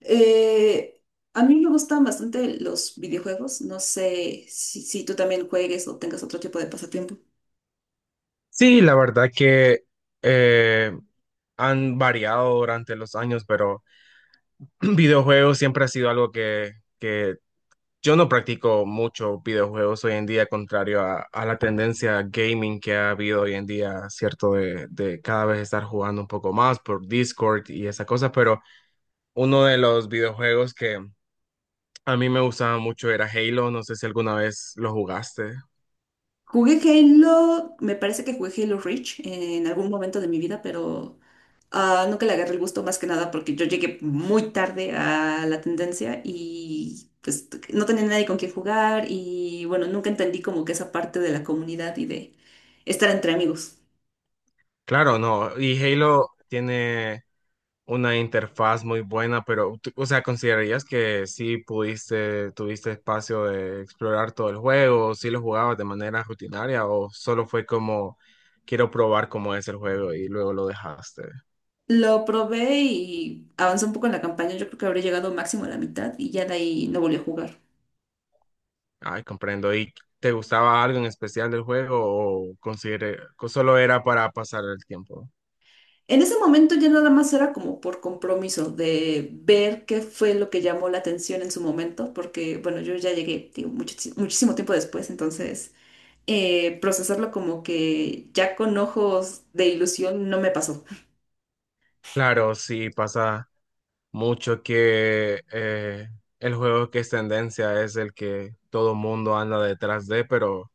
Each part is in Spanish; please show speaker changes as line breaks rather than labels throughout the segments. Eh, a mí me gustan bastante los videojuegos. No sé si tú también juegues o tengas otro tipo de pasatiempo.
Sí, la verdad que eh, han variado durante los años, pero videojuegos siempre ha sido algo que yo no practico mucho videojuegos hoy en día, contrario a la tendencia gaming que ha habido hoy en día, ¿cierto? De cada vez estar jugando un poco más por Discord y esa cosa, pero uno de los videojuegos que a mí me gustaba mucho era Halo, no sé si alguna vez lo jugaste.
Jugué Halo, me parece que jugué Halo Reach en algún momento de mi vida, pero nunca le agarré el gusto más que nada porque yo llegué muy tarde a la tendencia y pues no tenía nadie con quien jugar y bueno, nunca entendí como que esa parte de la comunidad y de estar entre amigos.
Claro, no. Y Halo tiene una interfaz muy buena, pero, o sea, ¿considerarías que sí pudiste, tuviste espacio de explorar todo el juego? ¿Sí lo jugabas de manera rutinaria o solo fue como, quiero probar cómo es el juego y luego lo dejaste?
Lo probé y avanzó un poco en la campaña. Yo creo que habré llegado máximo a la mitad y ya de ahí no volví a jugar.
Ay, comprendo. ¿Y te gustaba algo en especial del juego o solo era para pasar el tiempo?
En ese momento ya nada más era como por compromiso de ver qué fue lo que llamó la atención en su momento, porque bueno, yo ya llegué, digo, muchísimo tiempo después, entonces procesarlo como que ya con ojos de ilusión no me pasó.
Claro, sí pasa. Mucho que el juego que es tendencia es el que todo mundo anda detrás de, pero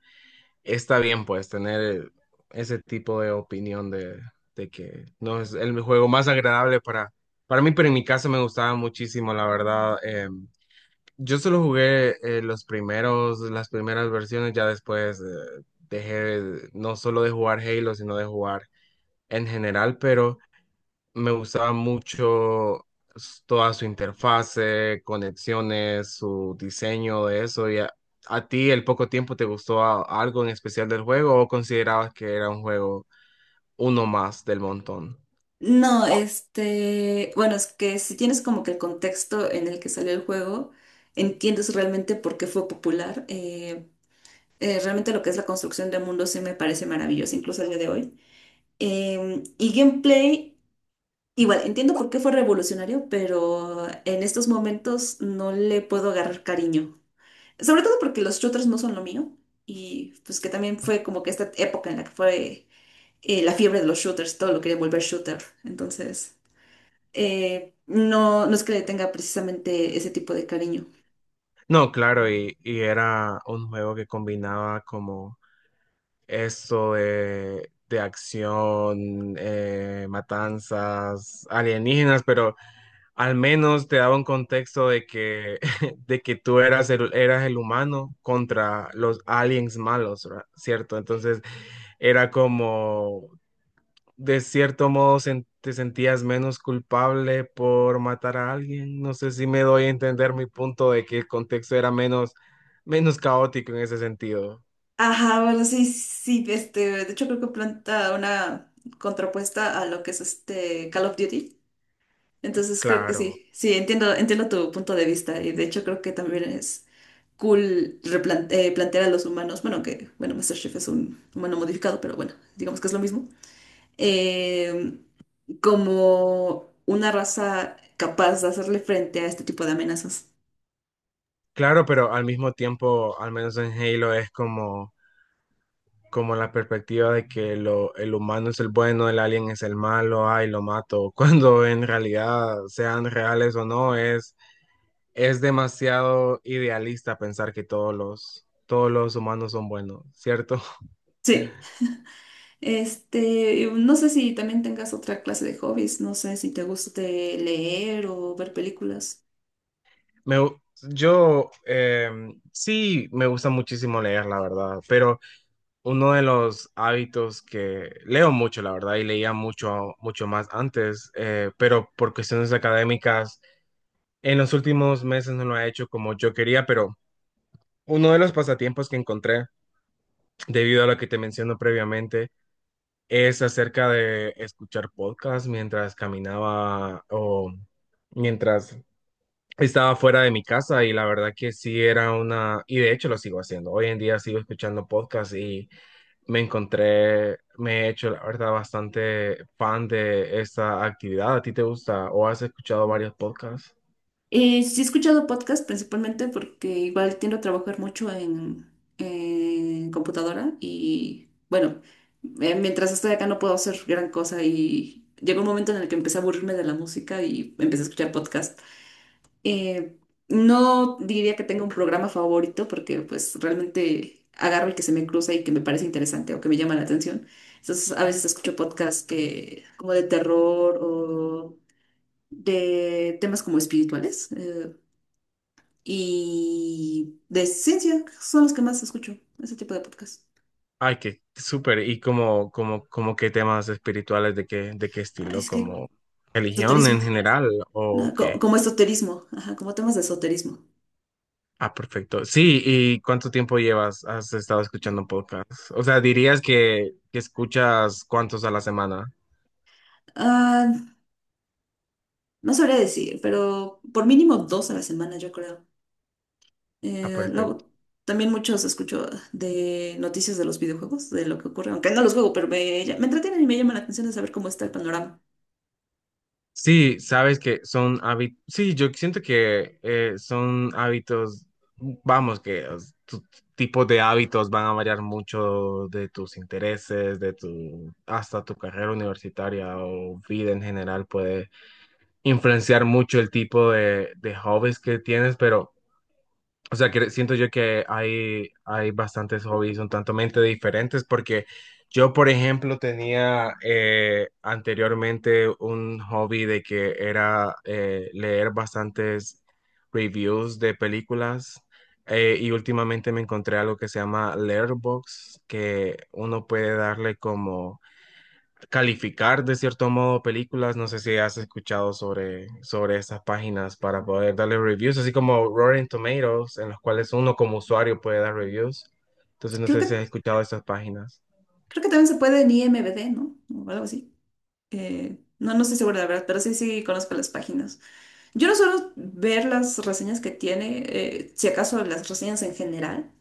está bien pues tener ese tipo de opinión de que no es el juego más agradable para mí, pero en mi caso me gustaba muchísimo, la verdad. Yo solo jugué los primeros, las primeras versiones, ya después dejé no solo de jugar Halo, sino de jugar en general, pero... Me gustaba mucho toda su interfase, conexiones, su diseño de eso. A ti, el poco tiempo, te gustó algo en especial del juego o considerabas que era un juego uno más del montón?
No, este, bueno, es que si tienes como que el contexto en el que salió el juego, entiendes realmente por qué fue popular. Realmente lo que es la construcción de mundos sí me parece maravilloso, incluso el día de hoy. Y gameplay, igual, entiendo por qué fue revolucionario, pero en estos momentos no le puedo agarrar cariño. Sobre todo porque los shooters no son lo mío. Y pues que también fue como que esta época en la que fue la fiebre de los shooters, todo lo quería volver shooter. Entonces, no, no es que le tenga precisamente ese tipo de cariño.
No, claro, y era un juego que combinaba como esto de acción, matanzas, alienígenas, pero al menos te daba un contexto de que, de que tú eras eras el humano contra los aliens malos, ¿verdad? ¿Cierto? Entonces era como, de cierto modo, te sentías menos culpable por matar a alguien. No sé si me doy a entender mi punto de que el contexto era menos caótico en ese sentido.
Ajá, bueno, sí, sí, este, de hecho creo que planta una contrapuesta a lo que es este Call of Duty.
C-
Entonces creo que
claro,
sí, sí, entiendo, entiendo tu punto de vista y de hecho creo que también es cool plantear a los humanos, bueno, que, bueno, Master Chief es un humano modificado, pero bueno, digamos que es lo mismo, eh, como una raza capaz de hacerle frente a este tipo de amenazas.
claro, pero al mismo tiempo, al menos en Halo es como... Como la perspectiva de que el humano es el bueno, el alien es el malo, ay, lo mato, cuando en realidad sean reales o no, es demasiado idealista pensar que todos los humanos son buenos, ¿cierto?
Sí. Este, no sé si también tengas otra clase de hobbies, no sé si te guste leer o ver películas.
Me, gu- yo sí me gusta muchísimo leer, la verdad, pero uno de los hábitos que leo mucho, la verdad, y leía mucho, mucho más antes, pero por cuestiones académicas en los últimos meses no lo ha hecho como yo quería, pero uno de los pasatiempos que encontré, debido a lo que te menciono previamente, es acerca de escuchar podcasts mientras caminaba o mientras estaba fuera de mi casa y la verdad que sí era una, y de hecho lo sigo haciendo. Hoy en día sigo escuchando podcasts y me encontré, me he hecho la verdad bastante fan de esta actividad. ¿A ti te gusta o has escuchado varios podcasts?
Sí he escuchado podcast principalmente porque igual tiendo a trabajar mucho en computadora y bueno, mientras estoy acá no puedo hacer gran cosa y llegó un momento en el que empecé a aburrirme de la música y empecé a escuchar podcast. Eh, no diría que tenga un programa favorito porque pues realmente agarro el que se me cruza y que me parece interesante o que me llama la atención. Entonces a veces escucho podcasts que como de terror o de temas como espirituales y de ciencia son los que más escucho, ese tipo de podcasts.
Ay, qué súper. ¿Y como, como qué temas espirituales, de qué
Ah,
estilo?
es que
¿Como religión
esoterismo,
en general o
no,
qué?
como esoterismo, ajá, como temas de esoterismo.
Ah, perfecto. Sí, ¿y cuánto tiempo llevas? ¿Has estado escuchando podcast? O sea, dirías que escuchas cuántos a la semana.
Ah, no sabría decir, pero por mínimo dos a la semana yo creo.
Ah,
Eh,
perfecto.
luego, también muchos escucho de noticias de los videojuegos, de lo que ocurre, aunque no los juego, pero me entretienen y me llama la atención de saber cómo está el panorama.
Sí, sabes que son hábitos, sí, yo siento que son hábitos, vamos, que tu tipo de hábitos van a variar mucho de tus intereses, de tu, hasta tu carrera universitaria o vida en general puede influenciar mucho el tipo de hobbies que tienes, pero... O sea, que siento yo que hay bastantes hobbies un tanto mente diferentes porque yo, por ejemplo, tenía anteriormente un hobby de que era leer bastantes reviews de películas y últimamente me encontré algo que se llama Letterboxd, que uno puede darle como calificar de cierto modo películas. No sé si has escuchado sobre esas páginas para poder darle reviews, así como Rotten Tomatoes, en los cuales uno como usuario puede dar reviews. Entonces, no
Creo
sé
que,
si has escuchado esas páginas.
creo que también se puede en IMDb, ¿no? O algo así. No estoy segura de la verdad, pero sí, sí conozco las páginas. Yo no suelo ver las reseñas que tiene, si acaso las reseñas en general,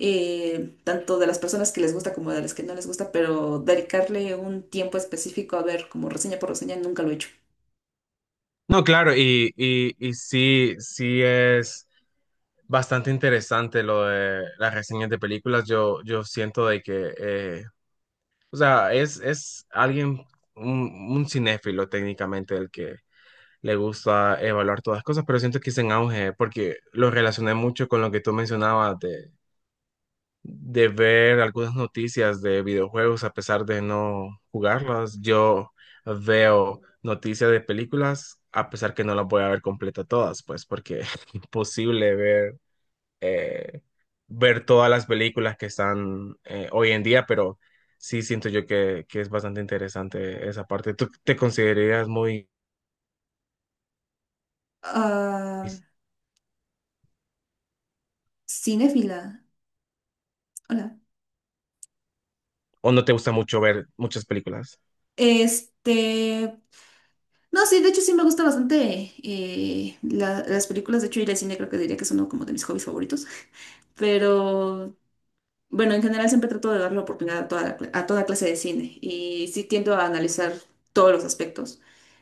tanto de las personas que les gusta como de las que no les gusta, pero dedicarle un tiempo específico a ver como reseña por reseña nunca lo he hecho.
No, claro, y sí, sí es bastante interesante lo de las reseñas de películas. Yo siento de que, o sea, es alguien, un cinéfilo técnicamente el que le gusta evaluar todas las cosas, pero siento que es en auge porque lo relacioné mucho con lo que tú mencionabas de ver algunas noticias de videojuegos a pesar de no jugarlas. Yo veo noticias de películas a pesar que no las voy a ver completa todas, pues porque es imposible ver, eh, ver todas las películas que están hoy en día, pero... Sí, siento yo que es bastante interesante esa parte. ¿Tú te considerarías muy
Ah, cinéfila. Hola.
¿O no te gusta mucho ver muchas películas?
Este. No, sí, de hecho sí me gusta bastante las películas. De hecho, ir al cine creo que diría que es uno como de mis hobbies favoritos. Pero bueno, en general siempre trato de dar la oportunidad a toda, a toda clase de cine. Y sí tiendo a analizar todos los aspectos.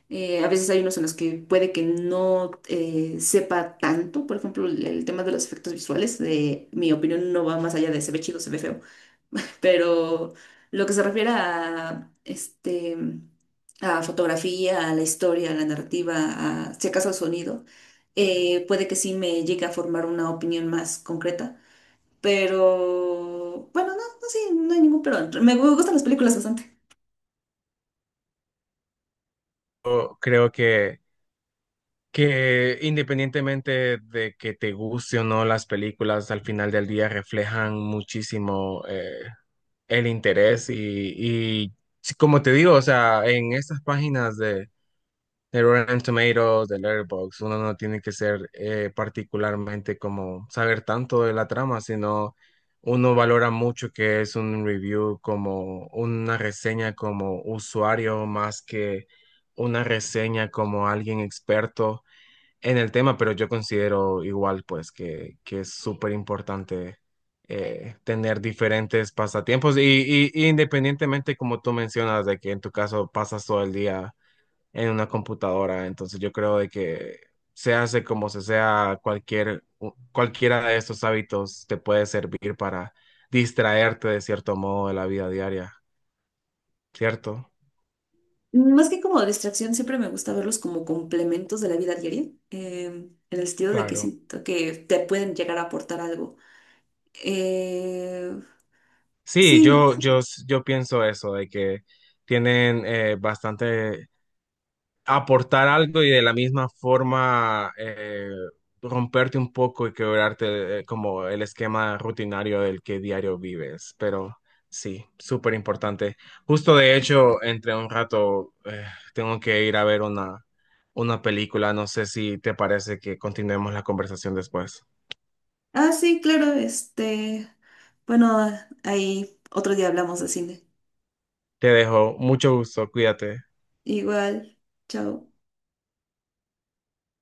A veces hay unos en los que puede que no sepa tanto. Por ejemplo, el tema de los efectos visuales. De mi opinión no va más allá de se ve chido, se ve feo. Pero lo que se refiere a, este, a fotografía, a la historia, a la narrativa, a si acaso al sonido, puede que sí me llegue a formar una opinión más concreta. Pero bueno, no, no, sí, no hay ningún pero. Me gustan las películas bastante.
Yo creo que independientemente de que te guste o no las películas, al final del día reflejan muchísimo el interés y sí, como te digo, o sea, en estas páginas de Rotten Tomatoes, de Letterboxd, uno no tiene que ser particularmente como saber tanto de la trama, sino uno valora mucho que es un review como una reseña como usuario más que una reseña como alguien experto en el tema, pero yo considero igual pues que es súper importante. Tener diferentes pasatiempos y independientemente como tú mencionas de que en tu caso pasas todo el día en una computadora. Entonces yo creo de que se hace como se sea, cualquier, cualquiera de estos hábitos te puede servir para distraerte de cierto modo de la vida diaria, ¿cierto?
Más que como distracción, siempre me gusta verlos como complementos de la vida diaria, eh, en el sentido de que
Claro.
siento que te pueden llegar a aportar algo. Eh,
Sí,
sí.
yo pienso eso, de que tienen bastante aportar algo y de la misma forma romperte un poco y quebrarte como el esquema rutinario del que diario vives. Pero sí, súper importante. Justo de hecho, entre un rato tengo que ir a ver una película. No sé si te parece que continuemos la conversación después.
Ah, sí, claro, este, bueno, ahí otro día hablamos de cine.
Te dejo. Mucho gusto. Cuídate.
Igual, chao.